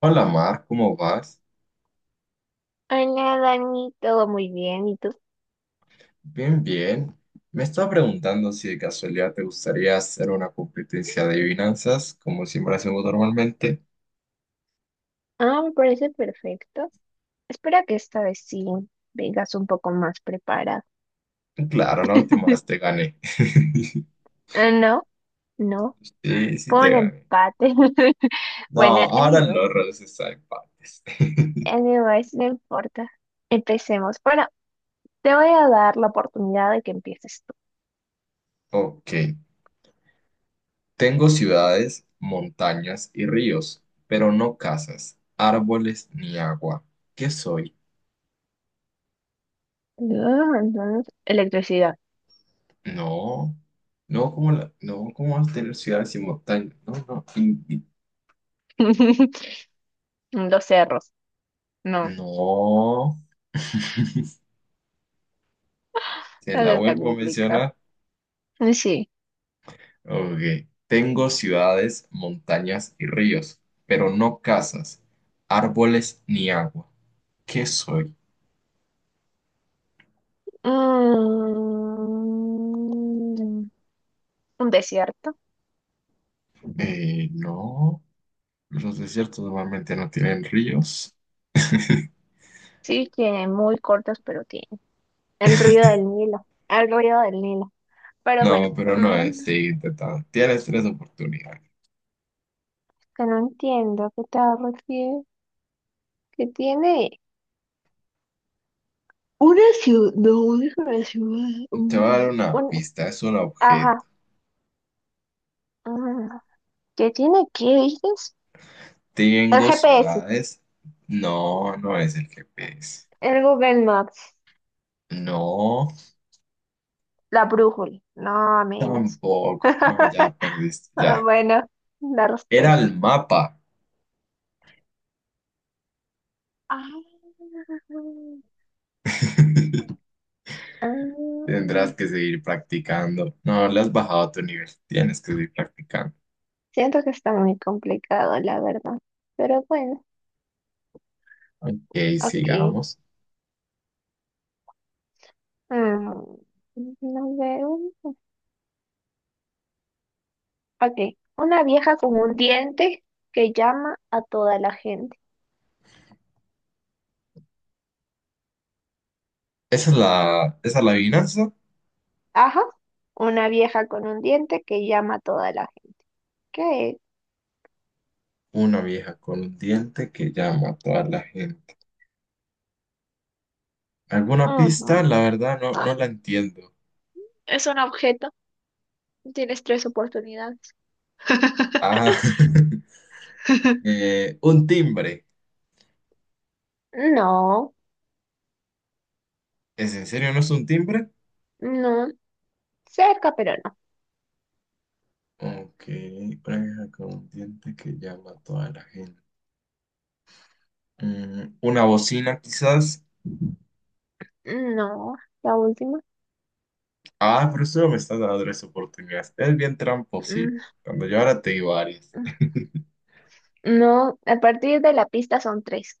Hola Mar, ¿cómo vas? Hola, Dani, todo muy bien, ¿y tú? Bien, bien. Me estaba preguntando si de casualidad te gustaría hacer una competencia de adivinanzas, como siempre hacemos normalmente. Ah, me parece perfecto. Espero que esta vez sí vengas un poco más preparada. Claro, la última vez te gané. Ah, no, no, Sí, sí fue te un gané. empate. No, Bueno, ahora anyways, los roles están en partes. anyways, no importa. Empecemos. Bueno, te voy a dar la oportunidad de que empieces tú. Ok. Tengo ciudades, montañas y ríos, pero no casas, árboles ni agua. ¿Qué soy? Ah, entonces, electricidad. No. No, como la- no, ¿cómo vas a tener ciudades y montañas? No, no. in- Los cerros. No, No, te eso la está vuelvo a complicado. mencionar. Sí. Ok. Tengo ciudades, montañas y ríos, pero no casas, árboles ni agua. ¿Qué soy? Mm, un desierto. No. Los desiertos normalmente no tienen ríos. Sí, tiene muy cortos, pero tiene el ruido del Nilo, el ruido del Nilo. Pero bueno, No, pero no es. mm, Sigue intentando. Tienes tres oportunidades. que no entiendo a qué te refieres, que tiene una ciudad, no es una ciudad, Te voy a dar una pista. Es un ajá, objeto. mm, ¿qué tiene? ¿Qué dices? El Tengo GPS, ciudades. No, no es el GPS. el Google Maps, No, la brújula, no, menos. tampoco. No, ya perdiste. Ah, Ya. bueno, la Era el respuesta. mapa. Ah, ah, Tendrás que seguir practicando. No, le has bajado a tu nivel. Tienes que seguir practicando. siento que está muy complicado, la verdad. Pero bueno, Ok, ok. sigamos. Mm, no veo. Ok. Una vieja con un diente que llama a toda la gente. Esa es la adivinanza. Ajá. Una vieja con un diente que llama a toda la gente. ¿Qué es? Una vieja con un diente que llama a toda la gente. ¿Alguna pista? Ujú. La verdad no, no la entiendo. Es un objeto. Tienes tres oportunidades. Ah, un timbre. No, ¿Es en serio? ¿No es un timbre? no. Cerca, pero no. Ok, una vieja con un diente que llama a toda la gente. Mm, una bocina quizás. No. La última. Ah, pero eso me estás dando tres oportunidades. Es bien Mm, tramposito. Cuando yo ahora te digo varias. no. A partir de la pista son tres.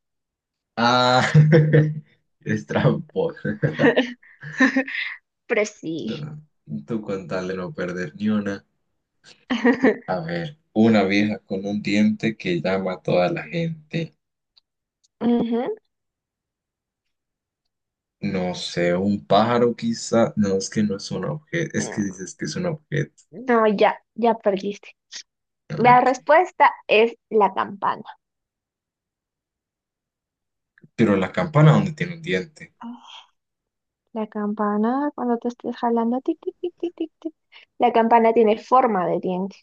Ah, es tramposo. Pero sí. No, tú con tal de no perder ni una. A ver, una vieja con un diente que llama a toda la gente. Ujú. No sé, un pájaro quizá. No, es que no es un objeto. Es que dices que es un objeto. No, ya, ya perdiste. Ah, La ok. respuesta es la campana. Pero la campana, ¿dónde tiene un diente? La campana, cuando te estés jalando, tic, tic, tic, tic, tic, tic. La campana tiene forma de diente.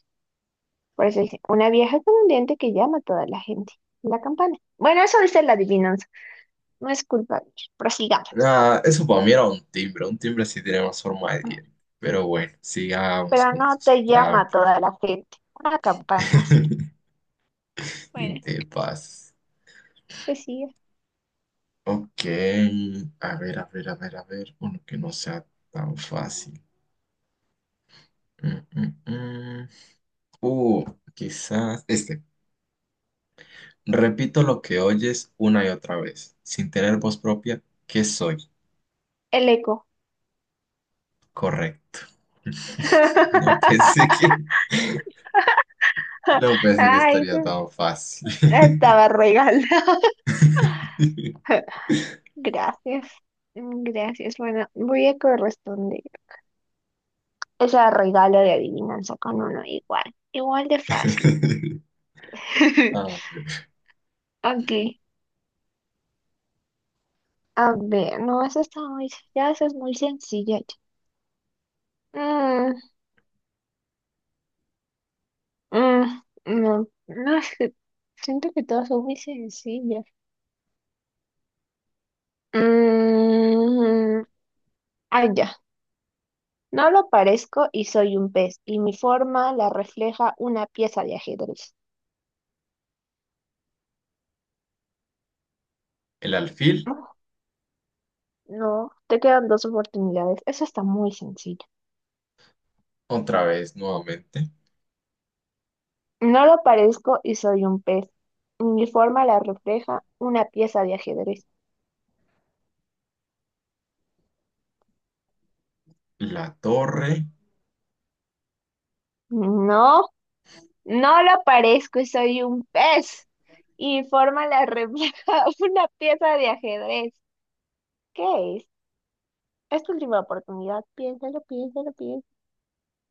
Por eso dice, una vieja con un diente que llama a toda la gente. La campana. Bueno, eso dice la adivinanza. No es culpa mía. Prosigamos. Ah, eso para mí era un timbre. Un timbre sí tiene más forma de diente. Pero bueno, sigamos Pero con no tus te llama a trampas. toda la gente. Una campana, sí. Bueno, Te pasas. pues sí. Ok, a ver, a ver, a ver, a ver, uno que no sea tan fácil. Mm, mm, mm. Uh, quizás este. Repito lo que oyes una y otra vez, sin tener voz propia, ¿qué soy? El eco. Correcto. No pensé que, no pensé que Ay, estaría tan fácil. estaba regalada. Gracias. Gracias. Bueno, voy a corresponder esa regalo de adivinanza con uno igual. Igual de fácil. Ah, Ok. A ver, no, eso está muy, ya eso es muy sencilla. Ya. Mm, mm, no, no, es que siento que todas son muy sencillas. Mm, ya. No lo parezco y soy un pez, y mi forma la refleja una pieza de ajedrez. el alfil, No, te quedan dos oportunidades. Eso está muy sencillo. otra vez, nuevamente. No lo parezco y soy un pez. Mi forma la refleja una pieza de ajedrez. La torre. No, no lo parezco y soy un pez. Y mi forma la refleja una pieza de ajedrez. ¿Qué es? Es tu última oportunidad. Piénsalo, piénsalo, piénsalo.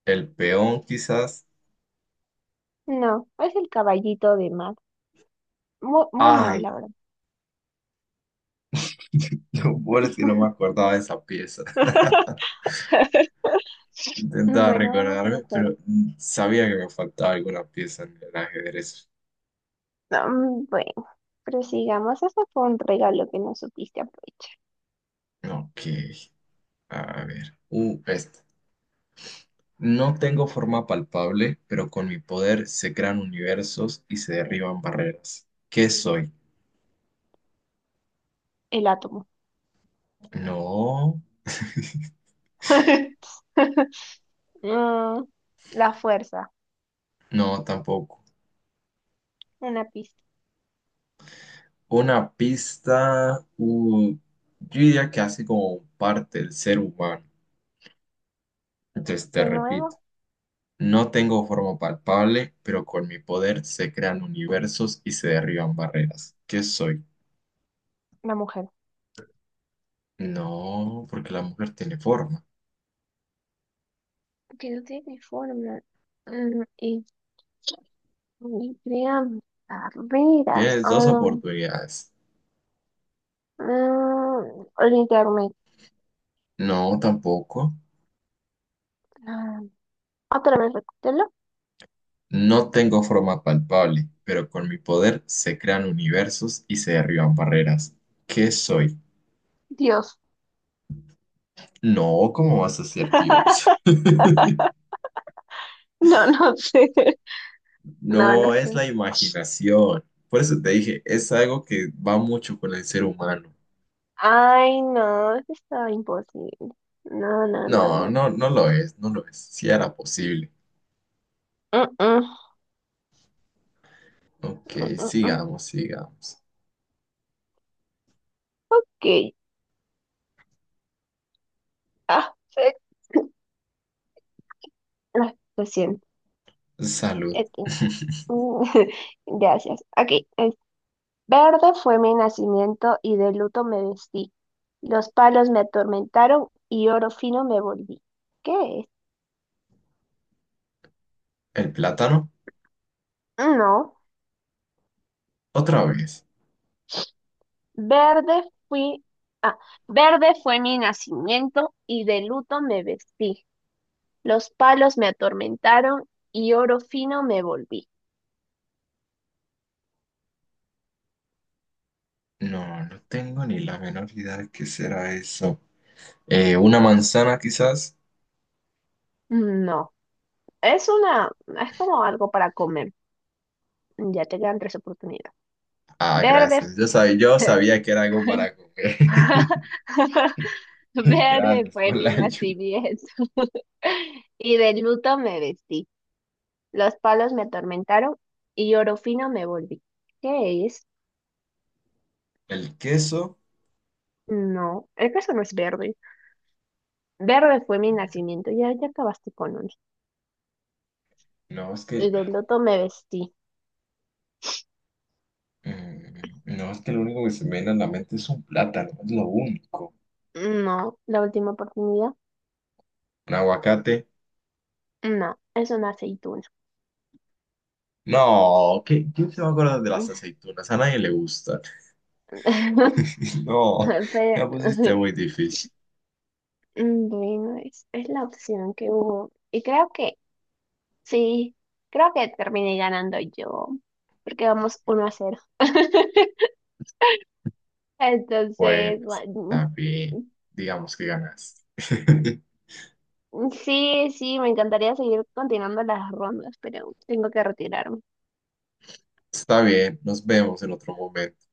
El peón quizás. No, es el caballito de mar. Muy, muy mal, Ay, la verdad. lo peor es que no me acordaba de esa pieza. Intentaba Bueno, vamos a recordarme, hacer. pero mm, sabía que me faltaba alguna pieza en el ajedrez. Bueno. Pero sigamos, eso fue un regalo que no supiste aprovechar. Ok, a ver. Esta. No tengo forma palpable, pero con mi poder se crean universos y se derriban barreras. ¿Qué soy? El átomo. No, Mm, la fuerza. no, tampoco. Una pista. Una pista, yo diría que hace como parte del ser humano. Entonces te De repito. nuevo, No tengo forma palpable, pero con mi poder se crean universos y se derriban barreras. ¿Qué soy? la mujer. No, porque la mujer tiene forma. Que no tiene forma. Mm, y, y crean carreras. Tienes dos oportunidades. El internet. No, tampoco. Ah, otra vez, recútelo. No tengo forma palpable, pero con mi poder se crean universos y se derriban barreras. ¿Qué soy? Dios. No, ¿cómo vas a ser Dios? No, no sé. No, no No, sé. es la imaginación. Por eso te dije, es algo que va mucho con el ser humano. Ay, no, eso está imposible. No, no, no, No, no. no, no lo es, no lo es. Si era posible. Mm, mm. Mm, Ok, mm, sigamos, sigamos. ok. Ah, fe- ah, lo siento. Salud. Ok. Mm, Gracias. Ok. es- Verde fue mi nacimiento y de luto me vestí. Los palos me atormentaron y oro fino me volví. ¿Qué es? ¿El plátano? No. Otra vez. Verde fui. Ah, verde fue mi nacimiento y de luto me vestí. Los palos me atormentaron y oro fino me volví. No, no tengo ni la menor idea de qué será eso. ¿Una manzana quizás? No. Es una. Es como algo para comer. Ya te quedan tres oportunidades. Ah, Verde. gracias. Yo sabía que era algo para comer. Verde Gracias fue por la mi ayuda. nacimiento. Y de luto me vestí. Los palos me atormentaron y oro fino me volví. ¿Qué es? ¿El queso? No, el caso no es verde. Verde fue mi nacimiento. Ya, ya acabaste con uno. No, es que, Y de luto me vestí. mm, no, es que lo único que se me viene a la mente es un plátano, es lo único. No, la última oportunidad. ¿Un aguacate? No, es una aceituna. No, ¿qué- ¿quién se va a acordar de las aceitunas? A nadie le gustan. No, ya pusiste Pero, muy difícil. bueno, es la opción que hubo. Y creo que sí, creo que terminé ganando yo, porque vamos 1-0. Bueno, Entonces, bueno, está bien. Digamos que ganaste. sí, sí, me encantaría seguir continuando las rondas, pero tengo que retirarme. Está bien, nos vemos en otro momento.